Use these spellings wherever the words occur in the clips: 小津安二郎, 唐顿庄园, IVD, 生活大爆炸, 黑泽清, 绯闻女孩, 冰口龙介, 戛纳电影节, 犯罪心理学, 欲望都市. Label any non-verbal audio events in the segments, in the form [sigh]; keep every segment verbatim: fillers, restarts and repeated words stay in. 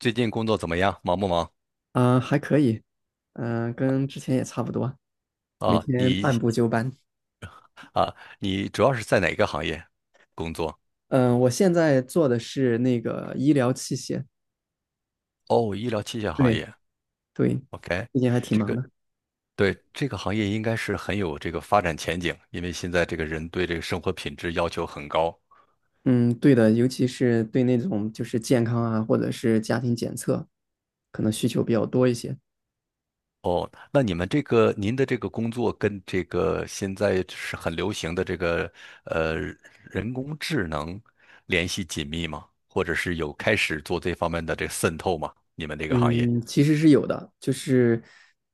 最近工作怎么样？忙不忙？啊、还可以，嗯、跟之前也差不多，每啊，天你按部就班。啊，你主要是在哪个行业工作？嗯、我现在做的是那个医疗器械，哦，医疗器械行对业。对，OK，最近还挺这忙个的。对这个行业应该是很有这个发展前景，因为现在这个人对这个生活品质要求很高。嗯，对的，尤其是对那种就是健康啊，或者是家庭检测，可能需求比较多一些。那你们这个您的这个工作跟这个现在是很流行的这个呃人工智能联系紧密吗？或者是有开始做这方面的这个渗透吗？你们这个行业？嗯，其实是有的，就是，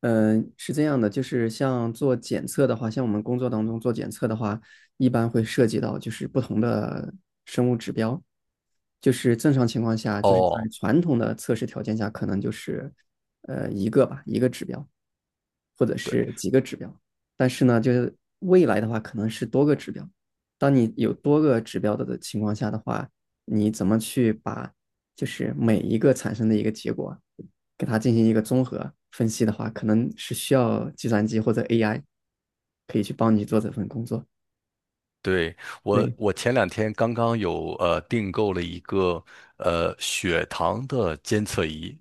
嗯、是这样的，就是像做检测的话，像我们工作当中做检测的话，一般会涉及到就是不同的生物指标，就是正常情况下，就是在哦。传统的测试条件下，可能就是，呃，一个吧，一个指标，或者对。是几个指标。但是呢，就是未来的话，可能是多个指标。当你有多个指标的的情况下的话，你怎么去把就是每一个产生的一个结果，给它进行一个综合分析的话，可能是需要计算机或者 A I 可以去帮你做这份工作。对，我，对，我前两天刚刚有呃订购了一个呃血糖的监测仪，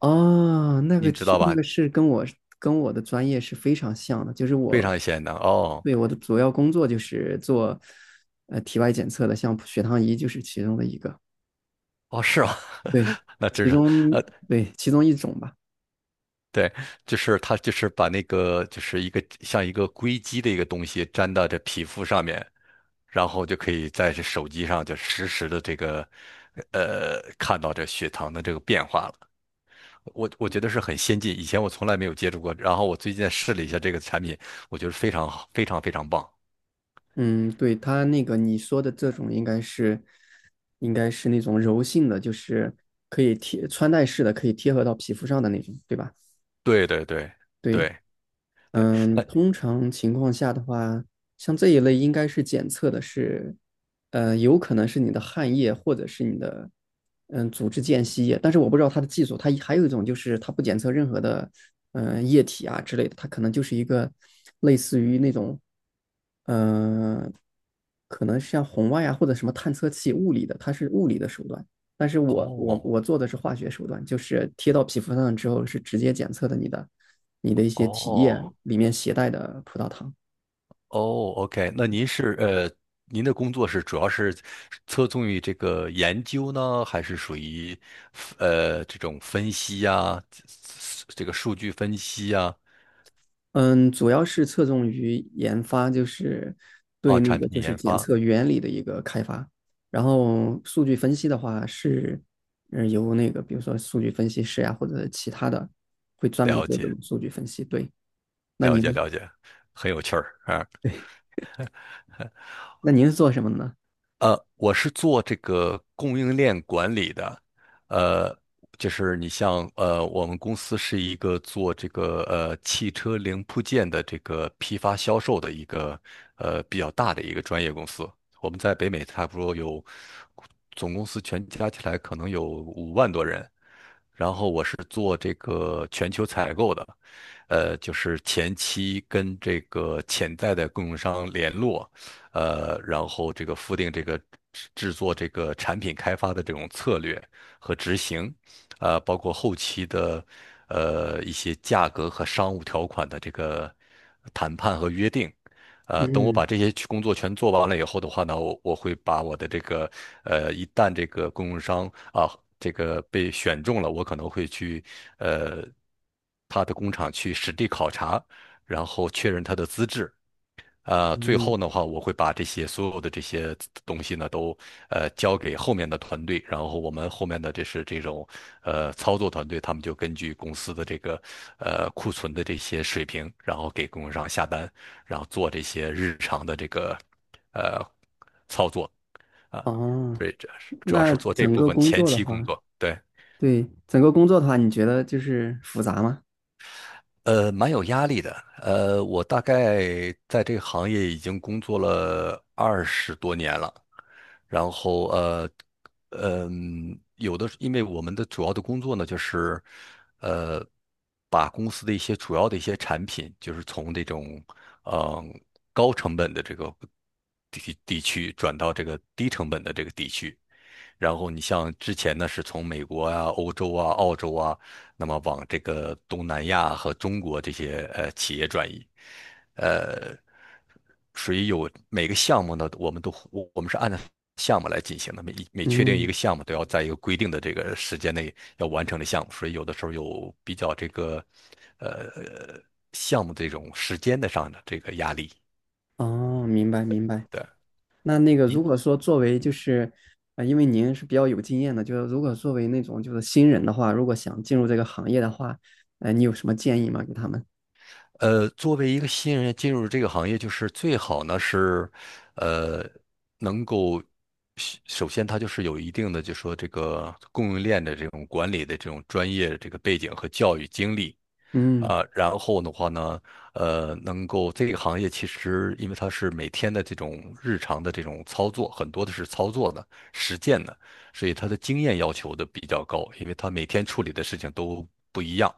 哦，那个您知去道那吧？个是跟我跟我的专业是非常像的，就是非我常显能哦对我的主要工作就是做呃体外检测的，像血糖仪就是其中的一个，哦是吗？对，[laughs] 那真其是中呃对其中一种吧。对，就是它就是把那个就是一个像一个硅基的一个东西粘到这皮肤上面，然后就可以在这手机上就实时的这个呃看到这血糖的这个变化了。我我觉得是很先进，以前我从来没有接触过。然后我最近试了一下这个产品，我觉得非常好，非常非常棒。嗯，对，它那个你说的这种应该是应该是那种柔性的，就是可以贴穿戴式的，可以贴合到皮肤上的那种，对吧？对对对对，对对，嗯，那通常情况下的话，像这一类应该是检测的是，呃，有可能是你的汗液或者是你的，嗯，组织间隙液，但是我不知道它的技术，它还有一种就是它不检测任何的，嗯、液体啊之类的，它可能就是一个类似于那种，嗯、可能像红外啊或者什么探测器物理的，它是物理的手段，但是我我哦我做的是化学手段，就是贴到皮肤上之后是直接检测的你的你的一些体液哦里面携带的葡萄糖。哦，OK，那您是呃，您的工作是主要是侧重于这个研究呢，还是属于呃这种分析呀、这个数据分析呀、啊，嗯，主要是侧重于研发，就是哦对那产个就品是研检发？测原理的一个开发。然后数据分析的话是，嗯，由那个比如说数据分析师呀、或者其他的会专门了做这解种数据分析。对，那了解您了解，很有趣儿啊。那您是做什么的呢？呃，我是做这个供应链管理的，呃，就是你像呃，我们公司是一个做这个呃汽车零部件的这个批发销售的一个呃比较大的一个专业公司。我们在北美差不多有总公司全加起来可能有五万多人，然后我是做这个全球采购的，呃，就是前期跟这个潜在的供应商联络，呃，然后这个复定这个制制作这个产品开发的这种策略和执行，呃，包括后期的呃一些价格和商务条款的这个谈判和约定。呃，等我嗯把这些去工作全做完了以后的话呢，我我会把我的这个呃，一旦这个供应商啊，这个被选中了，我可能会去呃他的工厂去实地考察，然后确认他的资质，呃，最嗯，后的话，我会把这些所有的这些东西呢，都呃交给后面的团队，然后我们后面的这是这种呃操作团队，他们就根据公司的这个呃库存的这些水平，然后给供应商下单，然后做这些日常的这个呃操作啊，哦，所以这是主要那是做这整部个分工前作的期工话。作，对。对，整个工作的话，你觉得就是复杂吗？呃，蛮有压力的。呃，我大概在这个行业已经工作了二十多年了。然后呃，嗯，有的，因为我们的主要的工作呢，就是呃，把公司的一些主要的一些产品，就是从这种嗯高成本的这个地地区转到这个低成本的这个地区。然后你像之前呢，是从美国啊、欧洲啊、澳洲啊，那么往这个东南亚和中国这些呃企业转移，呃，所以有每个项目呢，我们都我我们是按照项目来进行的，每每确定一个嗯，项目都要在一个规定的这个时间内要完成的项目，所以有的时候有比较这个呃项目这种时间的上的这个压力。哦，明白明白。对。那那个，如您果说作为就是，啊，因为您是比较有经验的，就是如果作为那种就是新人的话，如果想进入这个行业的话，呃，你有什么建议吗？给他们？呃，作为一个新人进入这个行业，就是最好呢是，呃，能够首首先他就是有一定的，就说这个供应链的这种管理的这种专业这个背景和教育经历。嗯啊，然后的话呢，呃，能够这个行业其实因为它是每天的这种日常的这种操作，很多的是操作的、实践的，所以他的经验要求的比较高，因为他每天处理的事情都不一样。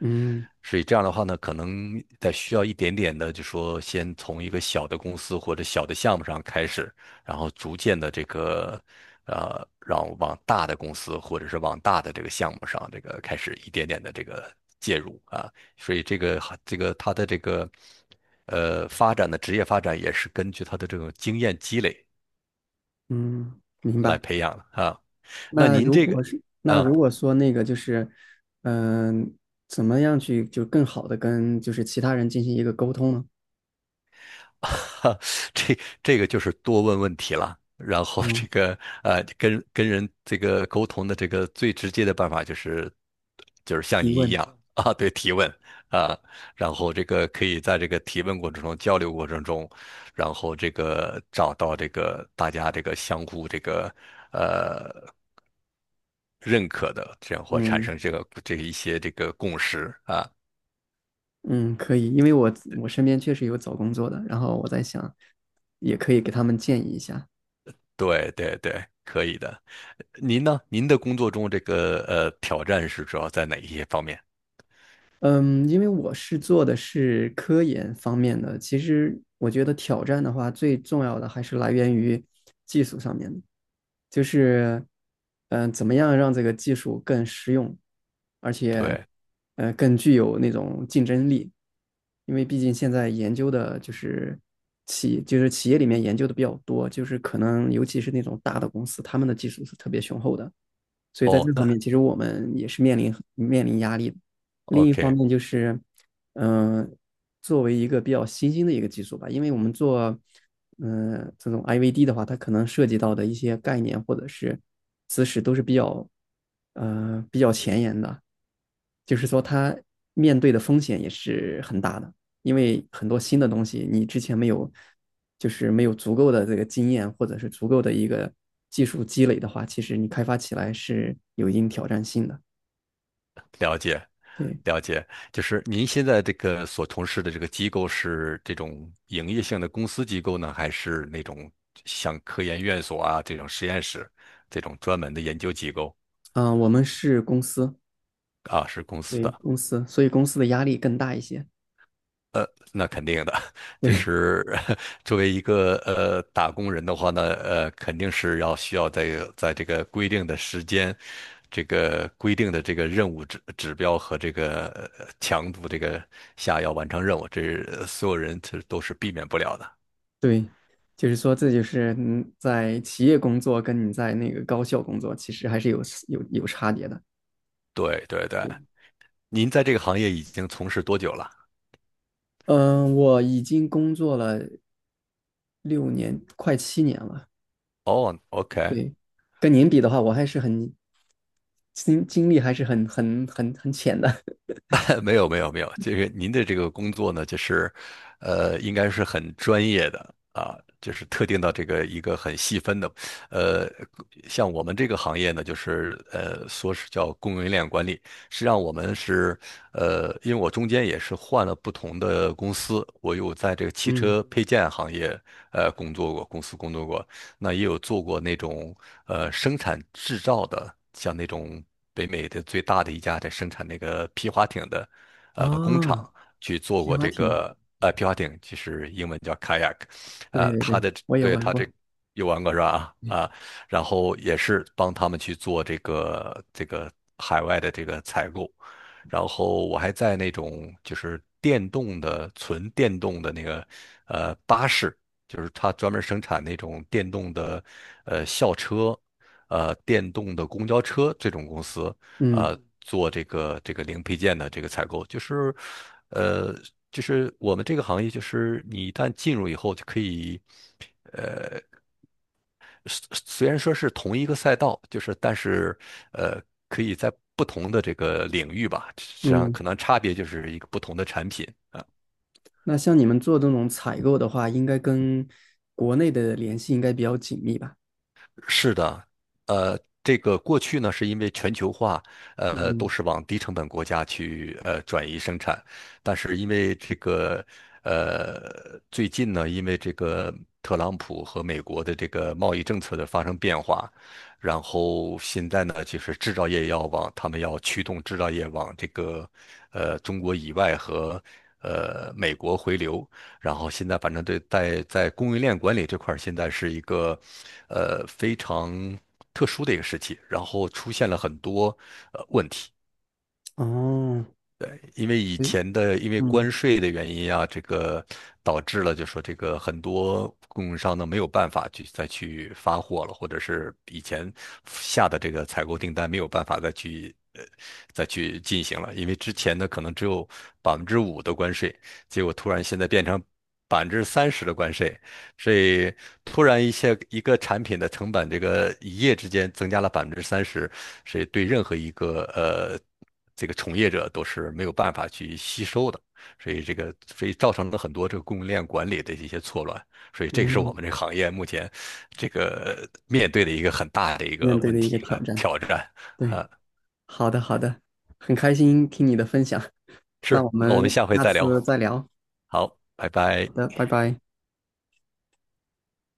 嗯所以这样的话呢，可能在需要一点点的，就说先从一个小的公司或者小的项目上开始，然后逐渐的这个，呃，让往大的公司或者是往大的这个项目上，这个开始一点点的这个介入啊。所以这个这个他的这个，呃，发展的职业发展也是根据他的这种经验积累嗯，明来白。培养的啊。那那您如这个。果是那啊。如果说那个就是，嗯、怎么样去就更好的跟就是其他人进行一个沟通呢？[laughs] 这这个就是多问问题了。然后嗯，这个呃，跟跟人这个沟通的这个最直接的办法就是就是像提您一问。样啊，对，提问啊，然后这个可以在这个提问过程中、交流过程中，然后这个找到这个大家这个相互这个呃认可的这样或产嗯。生这个这一些这个共识啊。嗯，可以，因为我我身边确实有找工作的，然后我在想，也可以给他们建议一下。对对对，可以的。您呢？您的工作中这个呃挑战是主要在哪一些方面？嗯，因为我是做的是科研方面的，其实我觉得挑战的话，最重要的还是来源于技术上面的，就是嗯、呃怎么样让这个技术更实用，而且对，呃更具有那种竞争力，因为毕竟现在研究的就是企就是企业里面研究的比较多，就是可能尤其是那种大的公司，他们的技术是特别雄厚的。所以在哦，这方那 面，其实我们也是面临面临压力的。另一方 OK，面就是，嗯、作为一个比较新兴的一个技术吧，因为我们做，嗯、这种 I V D 的话，它可能涉及到的一些概念或者是知识都是比较，呃，比较前沿的。就是说它面对的风险也是很大的，因为很多新的东西你之前没有，就是没有足够的这个经验或者是足够的一个技术积累的话，其实你开发起来是有一定挑战性的。了解，对，了解。就是您现在这个所从事的这个机构是这种营业性的公司机构呢，还是那种像科研院所啊这种实验室这种专门的研究机构嗯，呃我们是公司，啊？是公司对的。公司，所以公司的压力更大一些。呃，那肯定的，[laughs] 就对是 [laughs] 作为一个呃打工人的话呢，呃，肯定是要需要在在这个规定的时间，这个规定的这个任务指指标和这个呃强度这个下要完成任务，这是呃所有人这都是避免不了的。对，就是说这就是嗯，在企业工作跟你在那个高校工作其实还是有有有差别的。对对对，您在这个行业已经从事多久了？嗯，呃我已经工作了六年，快七年了。哦，OK，对，跟您比的话，我还是很经经历还是很很很很浅的。[laughs] [laughs] 没有没有没有，这个您的这个工作呢，就是，呃，应该是很专业的啊，就是特定到这个一个很细分的，呃，像我们这个行业呢，就是呃，说是叫供应链管理，实际上我们是，呃，因为我中间也是换了不同的公司，我有在这个汽嗯，车配件行业呃工作过，公司工作过，那也有做过那种呃生产制造的，像那种北美的最大的一家在生产那个皮划艇的呃工啊，厂去做皮过划这艇，个呃皮划艇，其实英文叫 kayak，对呃，对它对，的我也对玩他过。这有玩过是吧？啊，对然后也是帮他们去做这个这个海外的这个采购。然后我还在那种就是电动的纯电动的那个呃巴士就是它专门生产那种电动的呃校车，呃电动的公交车这种公司，嗯呃做这个这个零配件的这个采购，就是呃就是我们这个行业，就是你一旦进入以后就可以，虽虽然说是同一个赛道，就是但是呃可以在不同的这个领域吧，实际上可嗯，能差别就是一个不同的产品。那像你们做这种采购的话，应该跟国内的联系应该比较紧密吧？是的，呃，这个过去呢，是因为全球化，呃，都嗯，是往低成本国家去呃转移生产，但是因为这个呃最近呢，因为这个特朗普和美国的这个贸易政策的发生变化，然后现在呢，就是制造业要往他们要驱动制造业往这个呃中国以外和呃美国回流，然后现在反正对在在供应链管理这块儿，现在是一个呃非常特殊的一个时期，然后出现了很多呃问题，哦，因为以对，前的因为嗯关税的原因啊，这个导致了就说这个很多供应商呢没有办法去再去发货了，或者是以前下的这个采购订单没有办法再去。呃，再去进行了，因为之前呢可能只有百分之五的关税，结果突然现在变成百分之三十的关税，所以突然一些一个产品的成本，这个一夜之间增加了百分之三十，所以对任何一个呃这个从业者都是没有办法去吸收的，所以这个所以造成了很多这个供应链管理的一些错乱，所以这个是我嗯，们这个行业目前这个面对的一个很大的一面个对问的一题个挑和战。挑战。对，好的好的，很开心听你的分享。那是，我那我们们下回下再聊，次再聊。好，拜拜。好的，拜拜。